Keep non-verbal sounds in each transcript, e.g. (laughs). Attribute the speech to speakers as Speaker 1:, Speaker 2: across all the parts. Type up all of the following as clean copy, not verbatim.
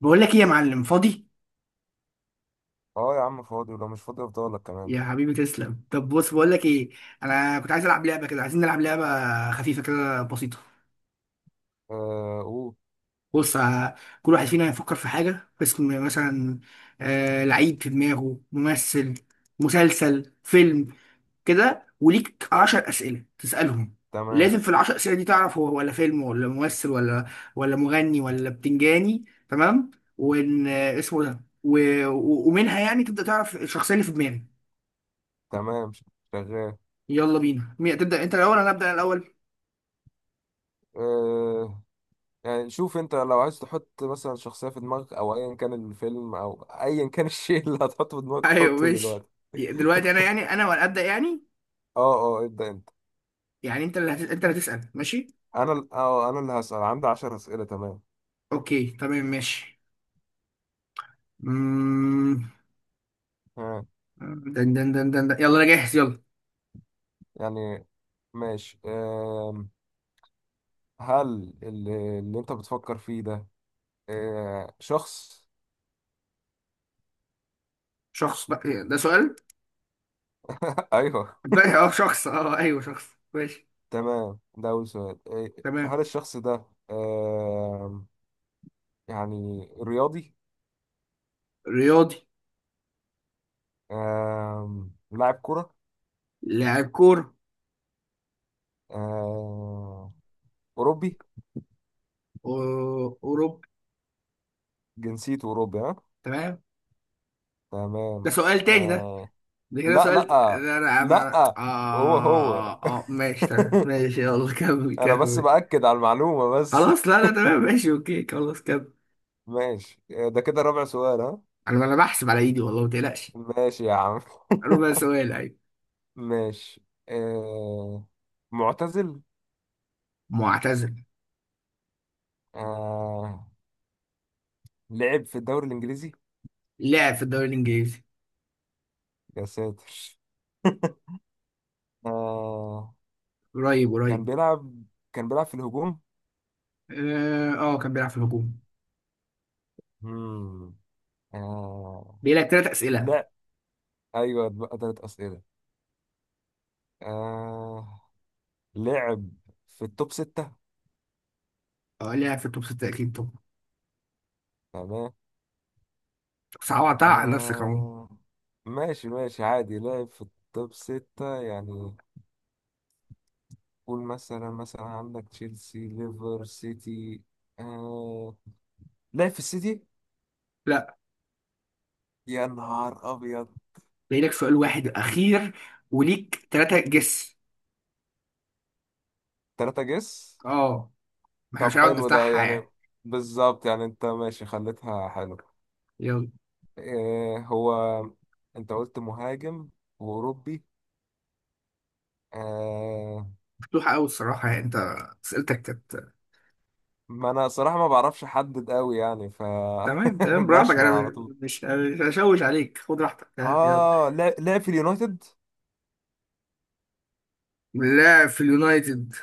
Speaker 1: بقول لك ايه يا معلم، فاضي.
Speaker 2: اه يا عم فاضي، ولو مش فاضي افضلك كمان.
Speaker 1: يا حبيبي تسلم. طب بص، بقول لك ايه. انا كنت عايز العب لعبه كده، عايزين نلعب لعبه خفيفه كده بسيطه.
Speaker 2: آه اوه
Speaker 1: بص ه- كل واحد فينا يفكر في حاجه، اسم مثلا، لعيب في دماغه، ممثل، مسلسل، فيلم كده. وليك 10 اسئله تسالهم.
Speaker 2: تمام
Speaker 1: لازم في العشر اسئله دي تعرف هو ولا فيلم ولا ممثل ولا مغني ولا بتنجاني. تمام. وان اسمه ده ومنها يعني تبدا تعرف الشخصيه اللي في دماغك.
Speaker 2: تمام. شغال.
Speaker 1: يلا بينا، مين تبدأ؟ انت الاول؟ انا ابدأ الاول. (laughs)
Speaker 2: آه يعني شوف انت، لو عايز تحط مثلا شخصية في دماغك او ايا كان الفيلم او ايا كان (laughs) الشيء اللي هتحطه في دماغك
Speaker 1: ايوه
Speaker 2: حطه
Speaker 1: ماشي.
Speaker 2: دلوقتي.
Speaker 1: دلوقتي انا، يعني انا ولا ابدأ يعني؟
Speaker 2: اه اه ابدأ انت.
Speaker 1: يعني انت اللي انت اللي هتسأل، ماشي.
Speaker 2: انا ال- اه آه، انا اللي هسأل، عندي عشر اسئلة. تمام.
Speaker 1: اوكي تمام ماشي. مم...
Speaker 2: ها.
Speaker 1: دن دن دن دن دن. يلا انا جاهز، يلا.
Speaker 2: يعني ماشي هل اللي انت بتفكر فيه ده شخص؟
Speaker 1: شخص؟ بقى ده سؤال؟
Speaker 2: (laughs) ايوه
Speaker 1: بقى اه شخص، اه ايوه شخص، ماشي.
Speaker 2: تمام، ده أول سؤال. إيه،
Speaker 1: تمام.
Speaker 2: هل الشخص ده آم، يعني رياضي؟
Speaker 1: رياضي.
Speaker 2: لاعب كرة؟
Speaker 1: لاعب كورة.
Speaker 2: آم، أوروبي؟
Speaker 1: اوروبي.
Speaker 2: جنسيته أوروبي ها.
Speaker 1: تمام. ده
Speaker 2: تمام.
Speaker 1: سؤال تاني ده؟
Speaker 2: آه،
Speaker 1: ده كده
Speaker 2: لا
Speaker 1: سؤال
Speaker 2: لا
Speaker 1: ده انا أنا-
Speaker 2: لا، هو
Speaker 1: اه
Speaker 2: هو.
Speaker 1: اه آه، ماشي
Speaker 2: (laughs)
Speaker 1: تمام ماشي يلا. (laughs) كمل
Speaker 2: أنا بس
Speaker 1: كمل.
Speaker 2: بأكد على المعلومة بس. (laughs)
Speaker 1: خلاص لا لا تمام ماشي اوكي خلاص كده.
Speaker 2: ماشي ده كده رابع سؤال ها.
Speaker 1: انا بحسب على ايدي والله، ما تقلقش.
Speaker 2: ماشي يا عم.
Speaker 1: ربع سؤال، ايوه.
Speaker 2: (laughs) ماشي آه، معتزل.
Speaker 1: معتزل.
Speaker 2: آه، لعب في الدوري الإنجليزي؟
Speaker 1: لعب في الدوري الانجليزي.
Speaker 2: يا ساتر! (laughs) آه
Speaker 1: قريب
Speaker 2: كان
Speaker 1: قريب.
Speaker 2: بيلعب، كان بيلعب في الهجوم.
Speaker 1: اه آه، كان بيلعب في الهجوم.
Speaker 2: مم. آه
Speaker 1: بيجي لك ثلاث اسئله.
Speaker 2: لا، ايوه بقى تلات اسئله. آه لعب في التوب ستة.
Speaker 1: اه لعب في التوب 6 اكيد طبعا.
Speaker 2: تمام.
Speaker 1: صعبتها على نفسك اهو.
Speaker 2: آه ماشي ماشي، عادي لعب في التوب ستة يعني. قول، مثلا مثلا عندك تشيلسي، ليفر سيتي. آه لعب في السيتي؟
Speaker 1: لا.
Speaker 2: يا نهار ابيض!
Speaker 1: بيجي لك سؤال واحد اخير. وليك ثلاثه جس.
Speaker 2: تلاتة جس؟
Speaker 1: اه. ما احنا
Speaker 2: طب
Speaker 1: مش هنقعد
Speaker 2: حلو ده
Speaker 1: نفتحها
Speaker 2: يعني،
Speaker 1: يعني.
Speaker 2: بالظبط يعني. انت ماشي خليتها حلو.
Speaker 1: يلا.
Speaker 2: إيه هو؟ انت قلت مهاجم واوروبي. آه
Speaker 1: مفتوحه قوي الصراحه يعني، انت اسئلتك كانت.
Speaker 2: ما انا صراحة ما بعرفش احدد قوي يعني ف...
Speaker 1: تمام تمام
Speaker 2: (laughs)
Speaker 1: براحتك،
Speaker 2: بشمل على
Speaker 1: انا
Speaker 2: طول.
Speaker 1: مش هشوش عليك، خد راحتك، يلا.
Speaker 2: لعب في اليونايتد.
Speaker 1: لاعب في اليونايتد.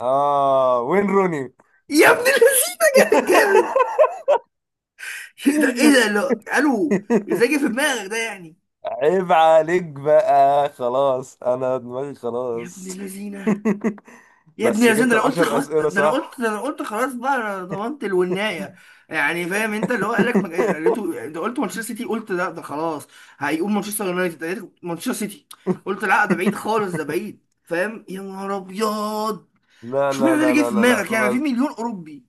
Speaker 2: اه، وين روني!
Speaker 1: يا ابن اللذينه. جامد جامد.
Speaker 2: (laughs)
Speaker 1: ايه ده ايه ده لو قالوا ازاي جه في دماغك ده يعني؟
Speaker 2: عيب عليك بقى، خلاص انا دماغي
Speaker 1: يا ابن
Speaker 2: خلاص.
Speaker 1: اللذينه.
Speaker 2: (laughs)
Speaker 1: يا ابن
Speaker 2: بس
Speaker 1: اللذينه. ده
Speaker 2: جبت
Speaker 1: انا قلت
Speaker 2: العشر
Speaker 1: خلاص، ده
Speaker 2: اسئلة
Speaker 1: انا قلت، ده
Speaker 2: صح.
Speaker 1: انا قلت خلاص بقى، انا ضمنت الونايه يعني، فاهم؟ انت اللي هو قال لك قلته ده، قلت مانشستر سيتي، قلت لا ده خلاص هيقوم مانشستر يونايتد، قلت مانشستر سيتي، قلت لا ده بعيد خالص، ده
Speaker 2: (laughs)
Speaker 1: بعيد، فاهم؟ يا نهار ابيض.
Speaker 2: لا
Speaker 1: اشمعنى
Speaker 2: لا
Speaker 1: ده
Speaker 2: لا
Speaker 1: اللي جه
Speaker 2: لا
Speaker 1: في
Speaker 2: لا لا،
Speaker 1: دماغك يعني؟ في
Speaker 2: بس.
Speaker 1: مليون اوروبي.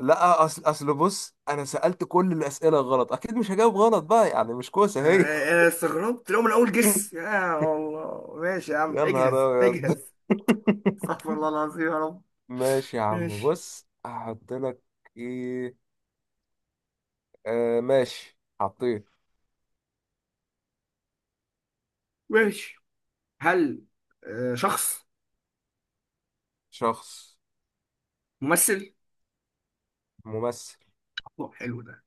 Speaker 2: لا، اصل بص، انا سألت كل الأسئلة غلط، اكيد مش هجاوب غلط بقى يعني، مش كوسة هي.
Speaker 1: انا استغربت لو من اول جس.
Speaker 2: (laughs)
Speaker 1: يا الله ماشي يا عم،
Speaker 2: يا نهار
Speaker 1: اجهز
Speaker 2: ابيض!
Speaker 1: اجهز. استغفر
Speaker 2: (laughs)
Speaker 1: الله العظيم يا رب.
Speaker 2: ماشي يا عم،
Speaker 1: ماشي
Speaker 2: بص هحط لك. ايه، ماشي حطيت.
Speaker 1: ماشي. هل شخص؟
Speaker 2: شخص.
Speaker 1: ممثل.
Speaker 2: ممثل.
Speaker 1: أوه، حلو ده.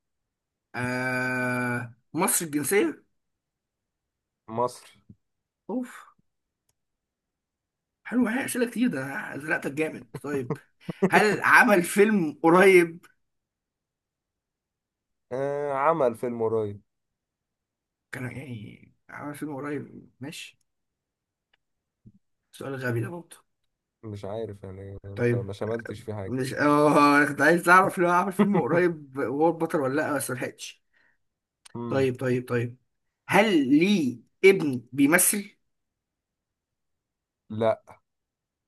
Speaker 1: آه مصري الجنسية.
Speaker 2: مصري.
Speaker 1: اوف. حلو، هي اسئلة كتير. ده أنا زنقتك جامد. طيب. هل
Speaker 2: (laughs)
Speaker 1: عمل فيلم قريب؟
Speaker 2: عمل فيلم قريب.
Speaker 1: كان يعني عمل فيلم قريب ماشي. سؤال غبي ده برضه.
Speaker 2: مش عارف يعني، انت
Speaker 1: طيب.
Speaker 2: ما شملتش في حاجة.
Speaker 1: مش كنت عايز اعرف لو عمل فيلم
Speaker 2: (laughs)
Speaker 1: قريب وهو البطل ولا لا، بس ملحقتش.
Speaker 2: مم.
Speaker 1: طيب طيب طيب. هل ليه ابن بيمثل؟
Speaker 2: لا.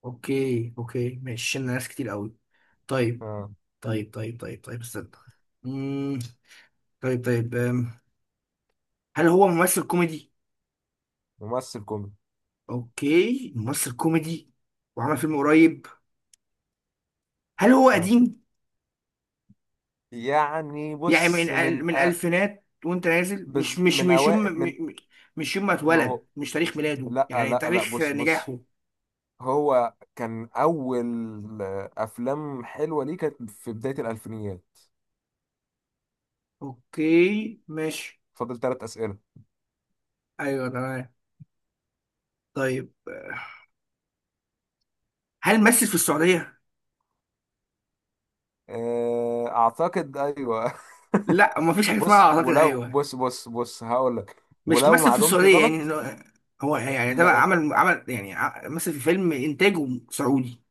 Speaker 1: اوكي اوكي ماشي، شلنا ناس كتير قوي. طيب.
Speaker 2: آه.
Speaker 1: طيب طيب طيب طيب استنى. مم. طيب طيب أم. هل هو ممثل كوميدي؟
Speaker 2: ممثل كوميدي.
Speaker 1: اوكي ممثل كوميدي وعمل فيلم قريب. هل هو
Speaker 2: آه.
Speaker 1: قديم؟
Speaker 2: يعني
Speaker 1: يعني
Speaker 2: بص، من...
Speaker 1: من الألفينات وانت نازل، مش مش
Speaker 2: من
Speaker 1: مش يوم
Speaker 2: أوائل، من...
Speaker 1: م- مش يوم ما
Speaker 2: ما هو
Speaker 1: اتولد، مش تاريخ ميلاده،
Speaker 2: لا لا
Speaker 1: يعني
Speaker 2: لا،
Speaker 1: تاريخ
Speaker 2: بص بص،
Speaker 1: نجاحه.
Speaker 2: هو كان أول أفلام حلوة ليه كانت في بداية الألفينيات.
Speaker 1: اوكي ماشي.
Speaker 2: فاضل ثلاث أسئلة.
Speaker 1: ايوه تمام. طيب آه، هل مثل في السعودية؟
Speaker 2: آه، أعتقد أيوه. (laughs)
Speaker 1: لا ما فيش حاجه اسمها
Speaker 2: بص
Speaker 1: اعتقد
Speaker 2: ولو،
Speaker 1: ايوه.
Speaker 2: بص بص بص، هقول لك
Speaker 1: مش
Speaker 2: ولو
Speaker 1: مثل في
Speaker 2: معلومتي
Speaker 1: السعوديه يعني
Speaker 2: غلط.
Speaker 1: هو يعني تبع
Speaker 2: لو
Speaker 1: عمل يعني مثل في فيلم انتاجه سعودي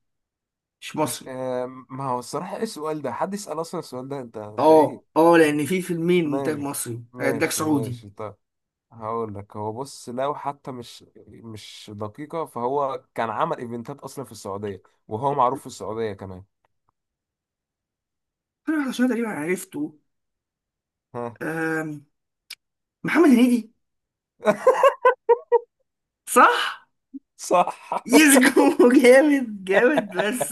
Speaker 1: مش مصري.
Speaker 2: آه، ما هو الصراحة، إيه السؤال ده؟ حد يسأل أصلا السؤال ده؟ أنت أنت
Speaker 1: اه
Speaker 2: إيه!
Speaker 1: اه لان في فيلمين، انتاج
Speaker 2: ماشي
Speaker 1: مصري، انتاج
Speaker 2: ماشي
Speaker 1: سعودي.
Speaker 2: ماشي، طيب هقول لك، هو بص، لو حتى مش مش دقيقة، فهو كان عمل ايفنتات اصلا في السعودية، وهو معروف في السعودية كمان.
Speaker 1: انا واحد عشان تقريبا عرفته.
Speaker 2: ها.
Speaker 1: آم، محمد هنيدي.
Speaker 2: (laughs)
Speaker 1: صح.
Speaker 2: صح.
Speaker 1: يسجو (laughs) جامد جامد بس.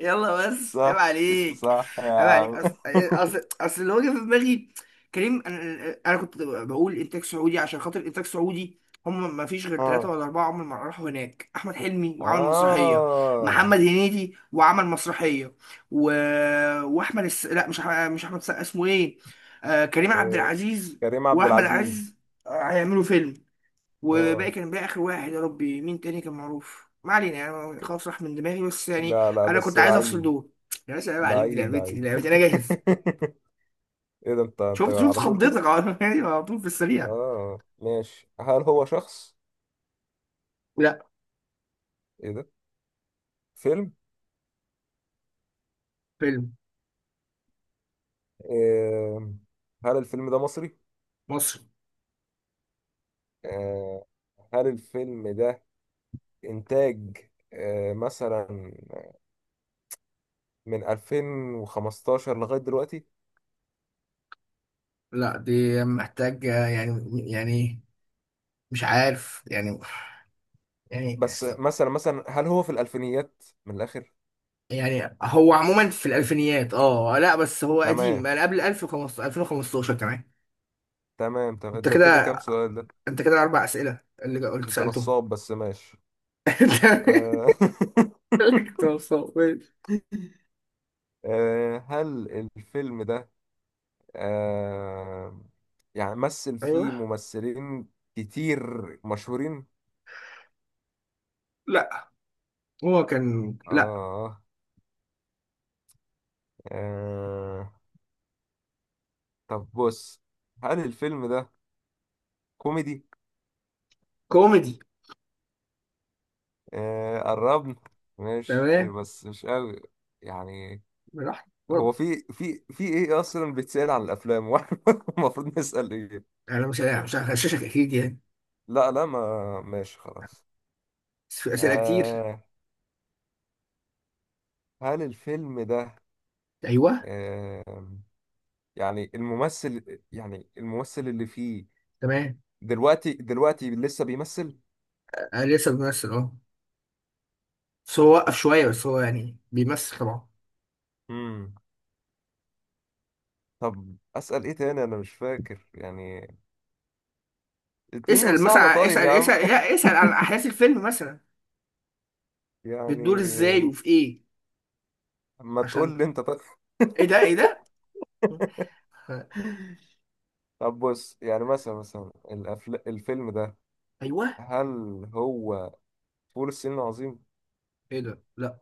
Speaker 1: يلا بس عيب
Speaker 2: صح.
Speaker 1: عليك.
Speaker 2: صح يا
Speaker 1: عيب عليك،
Speaker 2: عم.
Speaker 1: اصل
Speaker 2: (laughs)
Speaker 1: اصل اصل اللي هو جه في دماغي كريم، انا (laughs) انا كنت بقول انتاج سعودي، عشان خاطر انتاج سعودي هم ما فيش غير ثلاثة
Speaker 2: اه
Speaker 1: ولا أربعة عمر ما راحوا هناك. أحمد حلمي وعمل مسرحية،
Speaker 2: اه
Speaker 1: محمد هنيدي وعمل مسرحية، و... وأحمد الس... لا مش أحمد مش أحمد السقا، اسمه إيه؟ آه كريم عبد
Speaker 2: إيه،
Speaker 1: العزيز
Speaker 2: كريم عبد
Speaker 1: وأحمد عز
Speaker 2: العزيز.
Speaker 1: هيعملوا فيلم. وباقي
Speaker 2: اه
Speaker 1: كان بقى اخر واحد يا ربي مين تاني كان معروف، ما علينا يعني
Speaker 2: ك-
Speaker 1: خلاص راح من دماغي بس يعني.
Speaker 2: لا لا،
Speaker 1: انا
Speaker 2: بس
Speaker 1: كنت عايز افصل
Speaker 2: لعيب
Speaker 1: دول. يا باشا عيب عليك، دي
Speaker 2: لعيب
Speaker 1: لعبتي دي
Speaker 2: لعيب.
Speaker 1: لعبتي، انا جاهز.
Speaker 2: (laughs) ايه ده، انت انت
Speaker 1: شفت شفت
Speaker 2: على طول كده!
Speaker 1: خضتك على (laughs) يعني على طول في السريع.
Speaker 2: اه ماشي. هل هو شخص؟
Speaker 1: لا.
Speaker 2: ايه ده! فيلم.
Speaker 1: فيلم.
Speaker 2: إيه... هل الفيلم ده مصري؟
Speaker 1: مصري.
Speaker 2: آه، هل الفيلم ده إنتاج مثلا من 2015 لغاية دلوقتي؟
Speaker 1: لا دي محتاج يعني مش عارف يعني يعني.
Speaker 2: بس مثلا مثلا، هل هو في الألفينيات من الآخر؟
Speaker 1: يعني هو عموما في الالفينيات اه، لا بس هو قديم
Speaker 2: تمام
Speaker 1: انا، قبل 1015 2015 كمان.
Speaker 2: تمام تمام،
Speaker 1: انت
Speaker 2: ده كده
Speaker 1: كده
Speaker 2: كام سؤال ده؟
Speaker 1: انت كده اربع اسئله اللي قلت
Speaker 2: أنت
Speaker 1: سالتهم.
Speaker 2: نصاب، بس ماشي.
Speaker 1: (laughs)
Speaker 2: آه، (laughs)
Speaker 1: انت-
Speaker 2: آه، هل الفيلم ده آه، يعني مثل
Speaker 1: ايوه.
Speaker 2: فيه ممثلين كتير مشهورين؟
Speaker 1: لا. هو كان
Speaker 2: آه
Speaker 1: لا.
Speaker 2: آه آه. طب بص، هل الفيلم ده كوميدي؟
Speaker 1: كوميدي.
Speaker 2: آه قربنا، ماشي
Speaker 1: تمام
Speaker 2: بس مش قوي يعني.
Speaker 1: براحتك
Speaker 2: هو
Speaker 1: اتفضل.
Speaker 2: في في في ايه اصلا بيتسأل عن الافلام؟ (laughs) واحنا المفروض نسأل ايه؟
Speaker 1: يعني انا مش هغششك اكيد يعني.
Speaker 2: لا لا، ما ماشي خلاص.
Speaker 1: بس في اسئله كتير.
Speaker 2: آه هل الفيلم ده
Speaker 1: ايوه.
Speaker 2: آه يعني الممثل، يعني الممثل اللي فيه
Speaker 1: تمام.
Speaker 2: دلوقتي دلوقتي لسه بيمثل؟
Speaker 1: أنا لسه بيمثل اه، بس هو وقف شويه بس هو يعني بيمثل طبعا.
Speaker 2: امم طب أسأل ايه تاني، انا مش فاكر يعني. اديني
Speaker 1: اسال
Speaker 2: مساعدة
Speaker 1: مثلا،
Speaker 2: طيب
Speaker 1: اسال
Speaker 2: يا عم.
Speaker 1: اسال لا، اسال عن
Speaker 2: (laughs)
Speaker 1: احداث الفيلم مثلا. بتدور ازاي
Speaker 2: يعني
Speaker 1: وفي ايه.
Speaker 2: ما
Speaker 1: عشان،
Speaker 2: تقول لي انت طيب.
Speaker 1: ايه ده ايه ده. (laughs) آه،
Speaker 2: طب بص، يعني مثلا مثلا الفيلم ده
Speaker 1: ايوه.
Speaker 2: هل هو فول الصين العظيم؟
Speaker 1: ايه ده لا.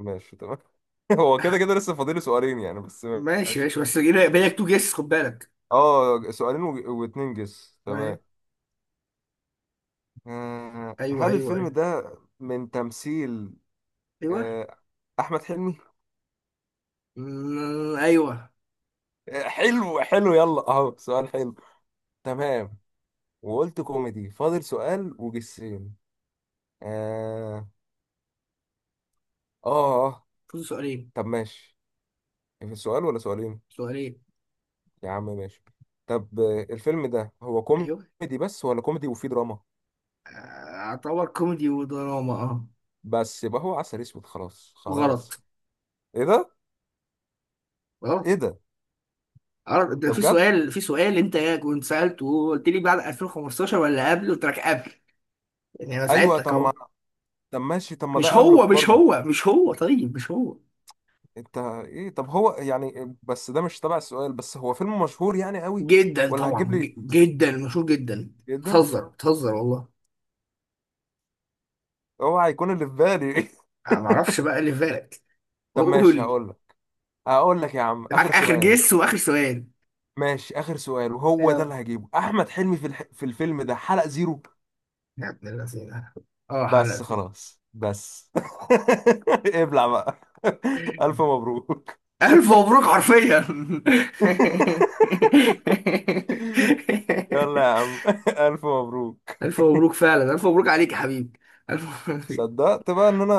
Speaker 2: ماشي تمام. (laughs) هو كده كده
Speaker 1: (laughs)
Speaker 2: لسه فاضل سؤالين يعني بس.
Speaker 1: ماشي
Speaker 2: ماشي.
Speaker 1: ماشي بس بالك تو جيس، خد بالك.
Speaker 2: اه سؤالين و... واتنين جس.
Speaker 1: تمام.
Speaker 2: تمام. آه،
Speaker 1: ايوه
Speaker 2: هل
Speaker 1: ايوه
Speaker 2: الفيلم
Speaker 1: ايوه.
Speaker 2: ده من تمثيل
Speaker 1: ايوه.
Speaker 2: آه، أحمد حلمي؟
Speaker 1: مم، ايوه.
Speaker 2: آه، حلو حلو، يلا اهو سؤال حلو. تمام، وقلت كوميدي. فاضل سؤال وجسين. اه اه آه.
Speaker 1: فوز سؤالين.
Speaker 2: طب ماشي، في سؤال ولا سؤالين؟
Speaker 1: سؤالين.
Speaker 2: يا عم ماشي. طب آه، الفيلم ده هو
Speaker 1: ايوه.
Speaker 2: كوميدي بس ولا كوميدي وفيه دراما؟
Speaker 1: آه، اعتبر كوميدي ودراما اه.
Speaker 2: بس يبقى هو عسل اسود، خلاص
Speaker 1: غلط.
Speaker 2: خلاص. ايه ده!
Speaker 1: غلط.
Speaker 2: ايه ده!
Speaker 1: غلط ده،
Speaker 2: ده
Speaker 1: في
Speaker 2: بجد؟
Speaker 1: سؤال في سؤال انت كنت سالته، وقلت لي بعد 2015 ولا قبل؟ قلت لك قبل، يعني انا
Speaker 2: ايوه،
Speaker 1: ساعدتك
Speaker 2: طب ما...
Speaker 1: اهو.
Speaker 2: طب ماشي، طب ما
Speaker 1: مش
Speaker 2: ده
Speaker 1: هو
Speaker 2: قبله
Speaker 1: مش
Speaker 2: برضو.
Speaker 1: هو مش هو، طيب مش هو.
Speaker 2: انت ايه! طب هو يعني، بس ده مش تبع السؤال، بس هو فيلم مشهور يعني قوي
Speaker 1: جدا
Speaker 2: ولا هتجيب
Speaker 1: طبعا،
Speaker 2: لي؟
Speaker 1: جدا مشهور جدا.
Speaker 2: جدا؟
Speaker 1: بتهزر بتهزر والله.
Speaker 2: هو هيكون اللي في بالي.
Speaker 1: انا ما اعرفش
Speaker 2: (laughs)
Speaker 1: بقى اللي في بالك،
Speaker 2: طب
Speaker 1: قول
Speaker 2: ماشي
Speaker 1: لي.
Speaker 2: هقول لك، هقول لك يا عم
Speaker 1: معاك
Speaker 2: اخر
Speaker 1: اخر
Speaker 2: سؤال.
Speaker 1: جس واخر سؤال.
Speaker 2: ماشي، اخر سؤال، وهو ده
Speaker 1: يلا.
Speaker 2: اللي هجيبه، احمد حلمي في في الفيلم ده حلق زيرو؟
Speaker 1: يا ابن اللذينه. اه،
Speaker 2: بس
Speaker 1: حلقتي.
Speaker 2: خلاص بس. (laughs) ابلع بقى. (laughs) ألف مبروك.
Speaker 1: ألف مبروك حرفيا.
Speaker 2: (laughs) يلا يا
Speaker 1: (laughs)
Speaker 2: عم. (laughs) ألف مبروك.
Speaker 1: ألف مبروك فعلا، ألف مبروك عليك يا حبيبي. ألف مبروك.
Speaker 2: صدقت بقى إن أنا...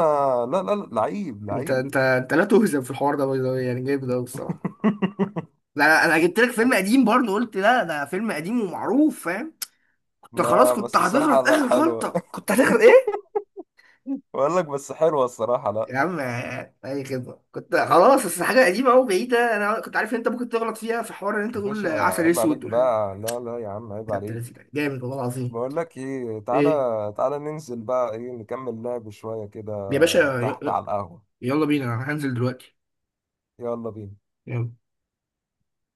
Speaker 2: لا لا لا، لعيب
Speaker 1: أنت
Speaker 2: لعيب.
Speaker 1: أنت أنت لا تهزم في الحوار ده باي ذا واي، يعني جامد أوي الصراحة.
Speaker 2: (laughs)
Speaker 1: لا أنا أنا جبت لك فيلم قديم برضه، قلت لا ده فيلم قديم ومعروف، فاهم؟ كنت خلاص
Speaker 2: ما
Speaker 1: كنت
Speaker 2: بس الصراحة
Speaker 1: هتغلط
Speaker 2: لا
Speaker 1: آخر
Speaker 2: حلوة.
Speaker 1: غلطة، كنت هتغلط إيه؟
Speaker 2: (laughs) بقول لك، بس حلوة الصراحة، لا.
Speaker 1: يا عم. أي خدمة، كنت خلاص بس حاجة قديمة أوي بعيدة، أنا كنت عارف إن أنت ممكن تغلط فيها في حوار، إن أنت
Speaker 2: يا
Speaker 1: تقول
Speaker 2: باشا
Speaker 1: عسل
Speaker 2: عيب عليك
Speaker 1: أسود والحاجات دي.
Speaker 2: بقى، لا لا يا عم عيب
Speaker 1: يا ابن
Speaker 2: عليك.
Speaker 1: اللذينة، جامد والله العظيم.
Speaker 2: بقول لك ايه، تعالى
Speaker 1: إيه؟
Speaker 2: تعالى ننزل بقى، ايه نكمل لعب شوية كده
Speaker 1: يا باشا.
Speaker 2: تحت على القهوة.
Speaker 1: يلا بينا، انا هنزل دلوقتي.
Speaker 2: يلا بينا.
Speaker 1: يلا.